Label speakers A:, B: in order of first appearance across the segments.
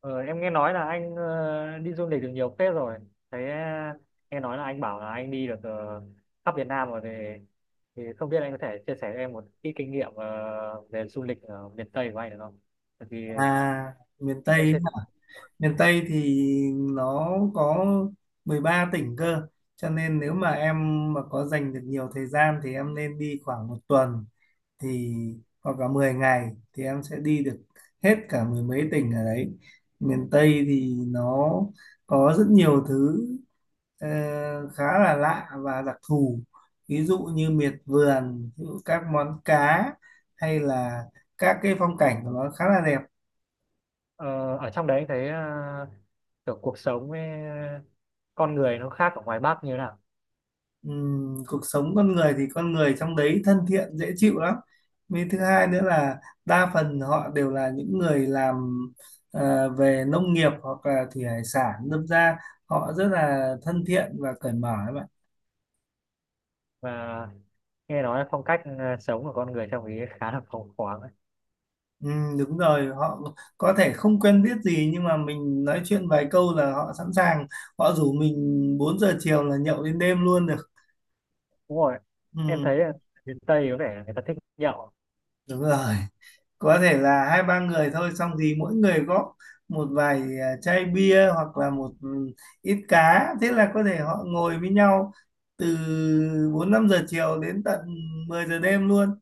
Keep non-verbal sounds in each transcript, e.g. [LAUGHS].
A: Ờ, em nghe nói là anh đi du lịch được nhiều phết rồi. Thế ờ, Nghe nói là anh bảo là anh đi được khắp Việt Nam rồi thì không biết anh có thể chia sẻ cho em một ít kinh nghiệm về du lịch ở miền Tây của anh được không? Tại vì
B: À, miền
A: em
B: Tây
A: sẽ
B: miền Tây thì nó có 13 tỉnh cơ, cho nên nếu mà em mà có dành được nhiều thời gian thì em nên đi khoảng một tuần, thì hoặc là 10 ngày thì em sẽ đi được hết cả mười mấy tỉnh ở đấy. Miền Tây thì nó có rất nhiều thứ ờ, khá là lạ và đặc thù, ví dụ như miệt vườn, ví dụ các món cá, hay là các cái phong cảnh của nó khá là đẹp.
A: ờ, ở trong đấy anh thấy kiểu cuộc sống với con người nó khác ở ngoài Bắc như thế nào
B: Cuộc sống con người thì con người trong đấy thân thiện dễ chịu lắm, với thứ hai nữa là đa phần họ đều là những người làm về nông nghiệp hoặc là thủy hải sản, đâm ra họ rất là thân thiện và cởi mở các bạn.
A: và nghe nói là phong cách sống của con người trong ý khá là phóng khoáng ấy.
B: Đúng rồi, họ có thể không quen biết gì nhưng mà mình nói chuyện vài câu là họ sẵn sàng, họ rủ mình 4 giờ chiều là nhậu đến đêm luôn được.
A: Đúng rồi. Em
B: Ừm,
A: thấy là miền Tây có vẻ là người ta thích nhậu.
B: đúng rồi, có thể là hai ba người thôi, xong thì mỗi người góp một vài chai bia, hoặc là một ít cá, thế là có thể họ ngồi với nhau từ 4-5 giờ chiều đến tận 10 giờ đêm luôn.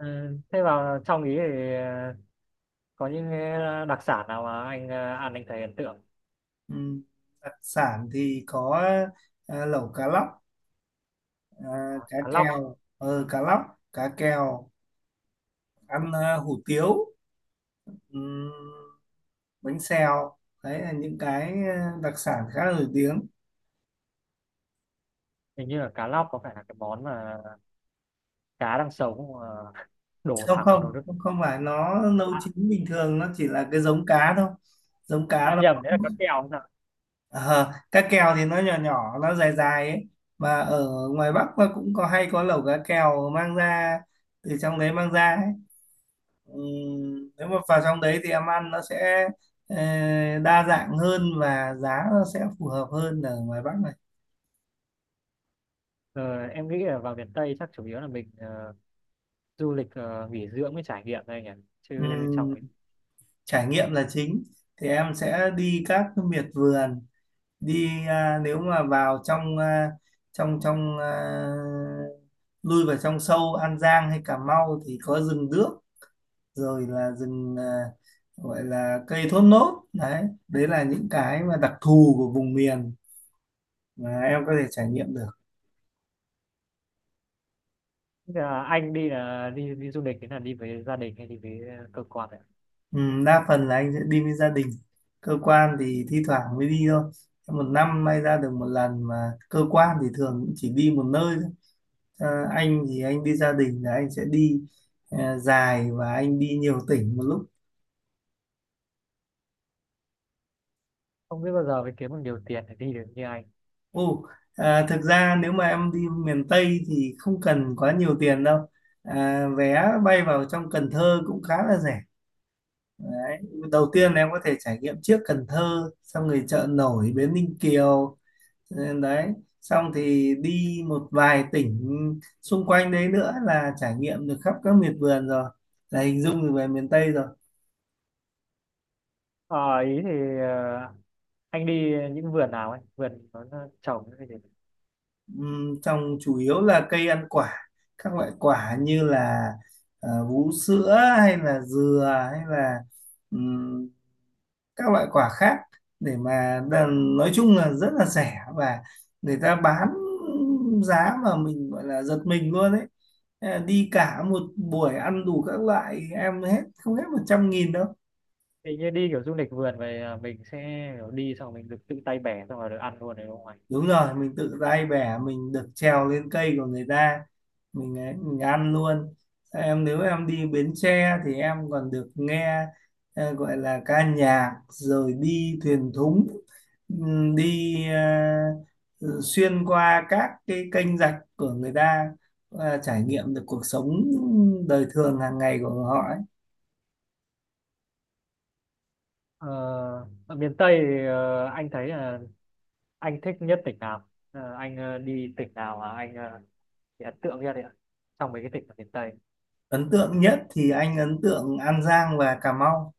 A: Ừ, thế vào trong ý thì có những cái đặc sản nào mà anh ăn anh thấy ấn tượng.
B: Ừ. Đặc sản thì có lẩu cá lóc,
A: À,
B: cá
A: cá lóc á.
B: kèo, cá lóc, cá kèo, ăn hủ tiếu, ừ, bánh xèo. Đấy là những cái đặc sản khá nổi tiếng.
A: Hình như là cá lóc có phải là cái món mà cá đang sống mà [LAUGHS] đổ
B: Không,
A: thẳng vào nồi
B: không,
A: nước.
B: không, không phải, nó nấu
A: À,
B: chín bình thường, nó chỉ là cái giống cá thôi. Giống cá
A: em
B: nó,
A: nhầm đấy là cá kèo không ạ?
B: ờ, cá kèo thì nó nhỏ nhỏ, nó dài dài ấy, mà ở ngoài Bắc nó cũng có, hay có lẩu cá kèo mang ra, từ trong đấy mang ra ấy. Nếu mà vào trong đấy thì em ăn nó sẽ ờ, đa dạng hơn và giá nó sẽ phù hợp hơn ở ngoài Bắc này.
A: Ờ, em nghĩ là vào miền Tây chắc chủ yếu là mình du lịch nghỉ dưỡng với trải nghiệm thôi nhỉ, chứ trong
B: Ừm,
A: mình
B: trải nghiệm là chính, thì em sẽ đi các miệt vườn, đi nếu mà vào trong trong trong lui vào trong sâu An Giang hay Cà Mau thì có rừng đước, rồi là rừng, gọi là cây thốt nốt đấy. Đấy là những cái mà đặc thù của vùng miền mà em có thể trải nghiệm được.
A: là anh đi là đi đi du lịch thì là đi với gia đình hay đi với cơ quan ạ?
B: Ừ, đa phần là anh sẽ đi với gia đình, cơ quan thì thi thoảng mới đi thôi, một năm may ra được một lần, mà cơ quan thì thường cũng chỉ đi một nơi thôi. Ờ, anh thì anh đi gia đình là anh sẽ đi dài và anh đi nhiều tỉnh một lúc.
A: Không biết bao giờ mới kiếm được nhiều tiền để đi được như anh.
B: Ồ, thực ra nếu mà em đi miền Tây thì không cần quá nhiều tiền đâu. Vé bay vào trong Cần Thơ cũng khá là rẻ. Đấy. Đầu tiên em có thể trải nghiệm trước Cần Thơ, xong rồi chợ nổi Bến Ninh Kiều, đấy. Xong thì đi một vài tỉnh xung quanh đấy nữa là trải nghiệm được khắp các miệt vườn rồi. Là hình dung được về miền Tây rồi.
A: Ờ, ý thì ờ, anh đi những vườn nào ấy, vườn nó trồng cái gì?
B: Trồng chủ yếu là cây ăn quả, các loại quả như là vú sữa, hay là dừa, hay là ừm, các loại quả khác. Để mà nói chung là rất là rẻ, và người ta bán giá mà mình gọi là giật mình luôn ấy. Đi cả một buổi ăn đủ các loại em, hết không hết 100.000 đâu.
A: Hình như đi kiểu du lịch vườn về à, mình sẽ kiểu đi xong mình được tự tay bẻ xong rồi được ăn luôn đấy đúng không anh?
B: Đúng rồi, mình tự tay bẻ, mình được trèo lên cây của người ta, mình ấy, mình ăn luôn. Em, nếu em đi Bến Tre thì em còn được nghe gọi là ca nhạc, rồi đi thuyền thúng, đi ờ, xuyên qua các cái kênh rạch của người ta và trải nghiệm được cuộc sống đời thường hàng ngày của họ ấy.
A: ờ, Ở miền Tây thì, anh thấy là anh thích nhất tỉnh nào? Ờ, anh đi tỉnh nào mà anh bị ấn tượng nhất đấy ạ, trong mấy cái tỉnh ở miền Tây?
B: Ấn tượng nhất thì anh ấn tượng An Giang và Cà Mau,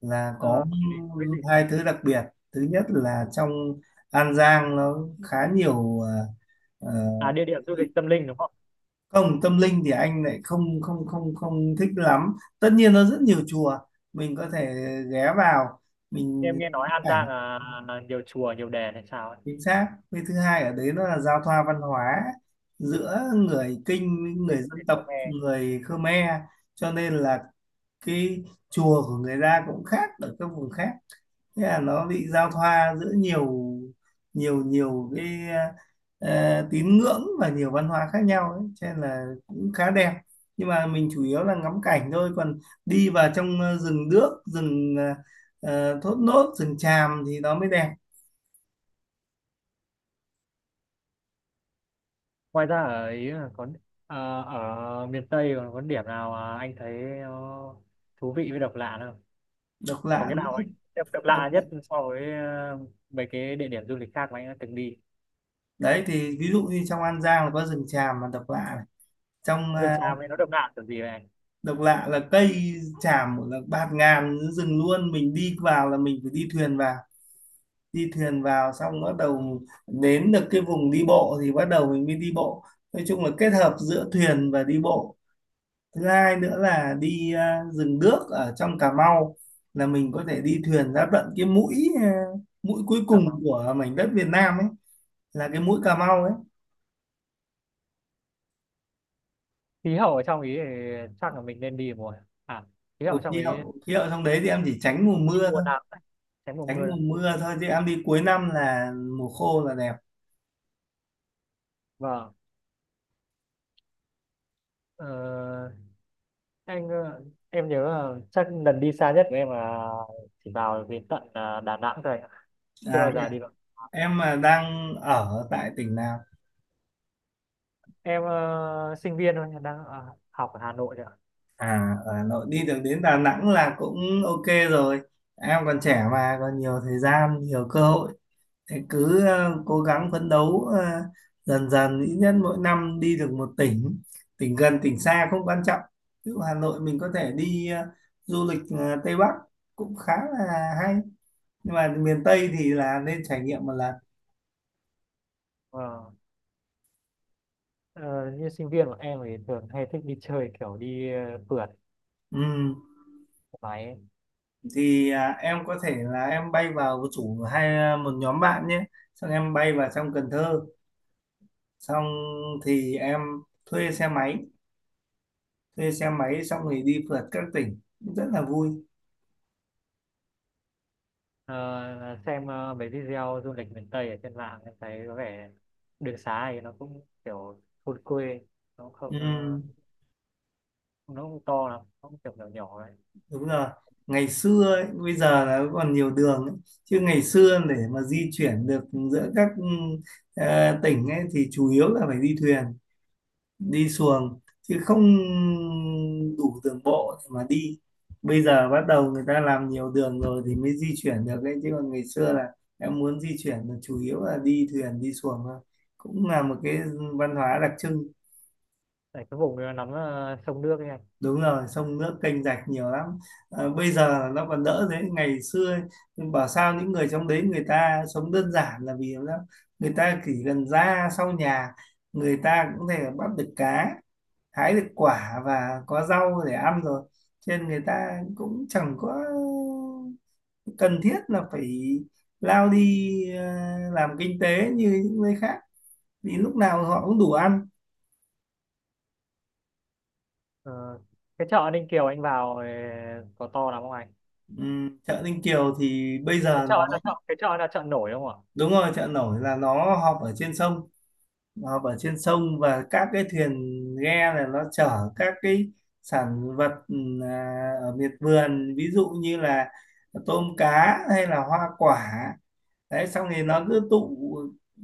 B: là có
A: Ờ, cái gì,
B: hai thứ đặc biệt. Thứ nhất là trong An Giang nó khá nhiều ờ,
A: à, địa điểm du lịch tâm linh đúng không?
B: không. Tâm linh thì anh lại không không không không thích lắm, tất nhiên nó rất nhiều chùa, mình có thể ghé vào, mình
A: Em nghe nói
B: ngắm
A: An
B: cảnh.
A: Giang là nhiều chùa nhiều đền hay sao ấy.
B: Chính xác. Cái thứ hai ở đấy nó là giao thoa văn hóa giữa người Kinh với người
A: Tinh-
B: dân
A: Tinh
B: tộc người Khmer, cho nên là cái chùa của người ta cũng khác ở các vùng khác, thế là nó bị giao thoa giữa nhiều nhiều nhiều cái tín ngưỡng và nhiều văn hóa khác nhau ấy. Cho nên là cũng khá đẹp, nhưng mà mình chủ yếu là ngắm cảnh thôi, còn đi vào trong rừng đước, rừng thốt nốt, rừng tràm thì nó mới đẹp.
A: Ngoài ra ở ý là có ở miền Tây còn có điểm nào mà anh thấy nó thú vị với độc lạ nữa không?
B: Độc
A: Có
B: lạ
A: cái
B: nữa.
A: nào anh độc
B: Độc
A: lạ
B: lạ.
A: nhất so với mấy cái địa điểm du lịch khác mà anh đã từng đi?
B: Đấy thì ví dụ như trong An Giang là có rừng tràm mà độc lạ này, trong
A: Rừng tràm ấy nó độc lạ kiểu gì vậy anh?
B: độc lạ là cây tràm là bạt ngàn rừng luôn, mình đi vào là mình phải đi thuyền vào, đi thuyền vào xong bắt đầu đến được cái vùng đi bộ thì bắt đầu mình mới đi bộ. Nói chung là kết hợp giữa thuyền và đi bộ. Thứ hai nữa là đi rừng đước ở trong Cà Mau, là mình có thể đi thuyền ra tận cái mũi, à, mũi cuối
A: Cảm
B: cùng
A: không,
B: của mảnh đất Việt Nam ấy, là cái mũi Cà Mau ấy.
A: khí hậu ở trong ý thì chắc là mình nên đi mùa, à, khí
B: Ủa,
A: hậu trong
B: khí
A: ý
B: hậu khí hậu trong đấy thì em chỉ tránh mùa
A: đi
B: mưa
A: mùa
B: thôi.
A: nào cũng được, tránh mùa
B: Tránh
A: mưa
B: mùa
A: thôi.
B: mưa thôi, chứ em đi cuối năm là mùa khô là đẹp.
A: Vâng. Ờ, anh em nhớ là chắc lần đi xa nhất của em là chỉ vào đến tận Đà Nẵng thôi, chưa bao
B: Thế
A: giờ
B: à?
A: đi.
B: Em mà đang ở tại tỉnh nào?
A: Em sinh viên thôi, đang ở, học ở Hà Nội ạ.
B: Ở Hà Nội đi được đến Đà Nẵng là cũng ok rồi. Em còn trẻ mà, còn nhiều thời gian, nhiều cơ hội. Thế cứ cố gắng phấn đấu, dần dần, ít nhất mỗi năm đi được một tỉnh. Tỉnh gần, tỉnh xa không quan trọng. Ví dụ Hà Nội mình có thể đi du lịch Tây Bắc cũng khá là hay. Nhưng mà miền Tây thì là nên trải nghiệm một lần.
A: Vâng. Ờ, như sinh viên của em thì thường hay thích đi chơi kiểu đi phượt
B: Ừ.
A: máy ấy.
B: Thì em có thể là em bay vào chủ, hay một nhóm bạn nhé. Xong em bay vào trong Cần Thơ, xong thì em thuê xe máy, thuê xe máy xong thì đi phượt các tỉnh, cũng rất là vui.
A: Ờ, xem mấy video du lịch miền Tây ở trên mạng em thấy có vẻ đường xá thì nó cũng kiểu thôn quê, nó cũng không
B: Ừ,
A: nó cũng to lắm, nó cũng kiểu nhỏ nhỏ đấy.
B: đúng rồi. Ngày xưa ấy, bây giờ là còn nhiều đường ấy. Chứ ngày xưa để mà di chuyển được giữa các tỉnh ấy thì chủ yếu là phải đi thuyền, đi xuồng, chứ không đủ đường bộ để mà đi. Bây giờ bắt đầu người ta làm nhiều đường rồi thì mới di chuyển được đấy, chứ còn ngày xưa là em muốn di chuyển là chủ yếu là đi thuyền, đi xuồng thôi. Cũng là một cái văn hóa đặc trưng.
A: Tại cái vùng nó nắm sông nước ấy anh.
B: Đúng rồi, sông nước kênh rạch nhiều lắm. Bây giờ nó còn đỡ, thế ngày xưa ấy, nhưng bảo sao những người trong đấy người ta sống đơn giản là vì lắm. Người ta chỉ cần ra sau nhà, người ta cũng có thể bắt được cá, hái được quả và có rau để ăn rồi, cho nên người ta cũng chẳng có cần thiết là phải lao đi ờ, làm kinh tế như những nơi khác, vì lúc nào họ cũng đủ ăn.
A: Ờ, cái chợ Ninh Kiều anh vào có to lắm không anh?
B: Chợ Ninh Kiều thì bây giờ nó,
A: Cái chợ là chợ nổi đúng không ạ?
B: đúng rồi, chợ nổi là nó họp ở trên sông. Nó họp ở trên sông và các cái thuyền, ghe là nó chở các cái sản vật, ở miệt vườn, ví dụ như là tôm cá hay là hoa quả. Đấy, xong thì nó cứ tụ,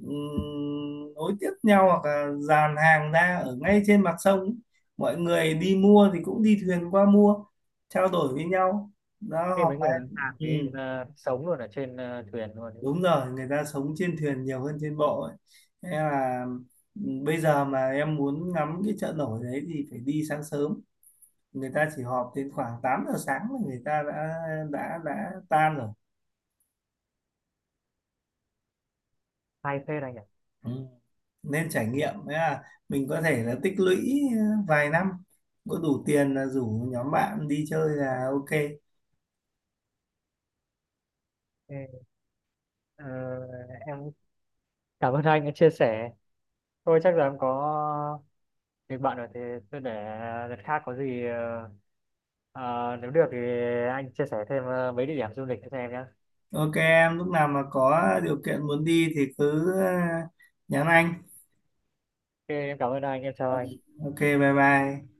B: nối tiếp nhau, hoặc là dàn hàng ra ở ngay trên mặt sông. Mọi người đi mua thì cũng đi thuyền qua mua, trao đổi với nhau, đó
A: Khi
B: họp
A: mấy người
B: bàn.
A: bán hàng
B: Ừ,
A: ấy là sống luôn ở trên thuyền luôn ấy.
B: đúng rồi, người ta sống trên thuyền nhiều hơn trên bộ ấy. Thế là bây giờ mà em muốn ngắm cái chợ nổi đấy thì phải đi sáng sớm, người ta chỉ họp đến khoảng 8 giờ sáng là người ta đã tan rồi.
A: Hay phết anh ạ.
B: Ừ. Nên trải nghiệm. Thế là mình có thể là tích lũy vài năm, có đủ tiền là rủ nhóm bạn đi chơi là ok.
A: Ê, ờ, em cảm ơn anh đã chia sẻ, thôi chắc là em có việc bận rồi thì tôi để đợt khác, có gì nếu được thì anh chia sẻ thêm mấy địa điểm du lịch cho em nhé.
B: Ok em, lúc nào mà có điều kiện muốn đi thì cứ nhắn anh.
A: Ok em cảm ơn anh, em chào
B: Ờ,
A: anh.
B: ok, bye bye.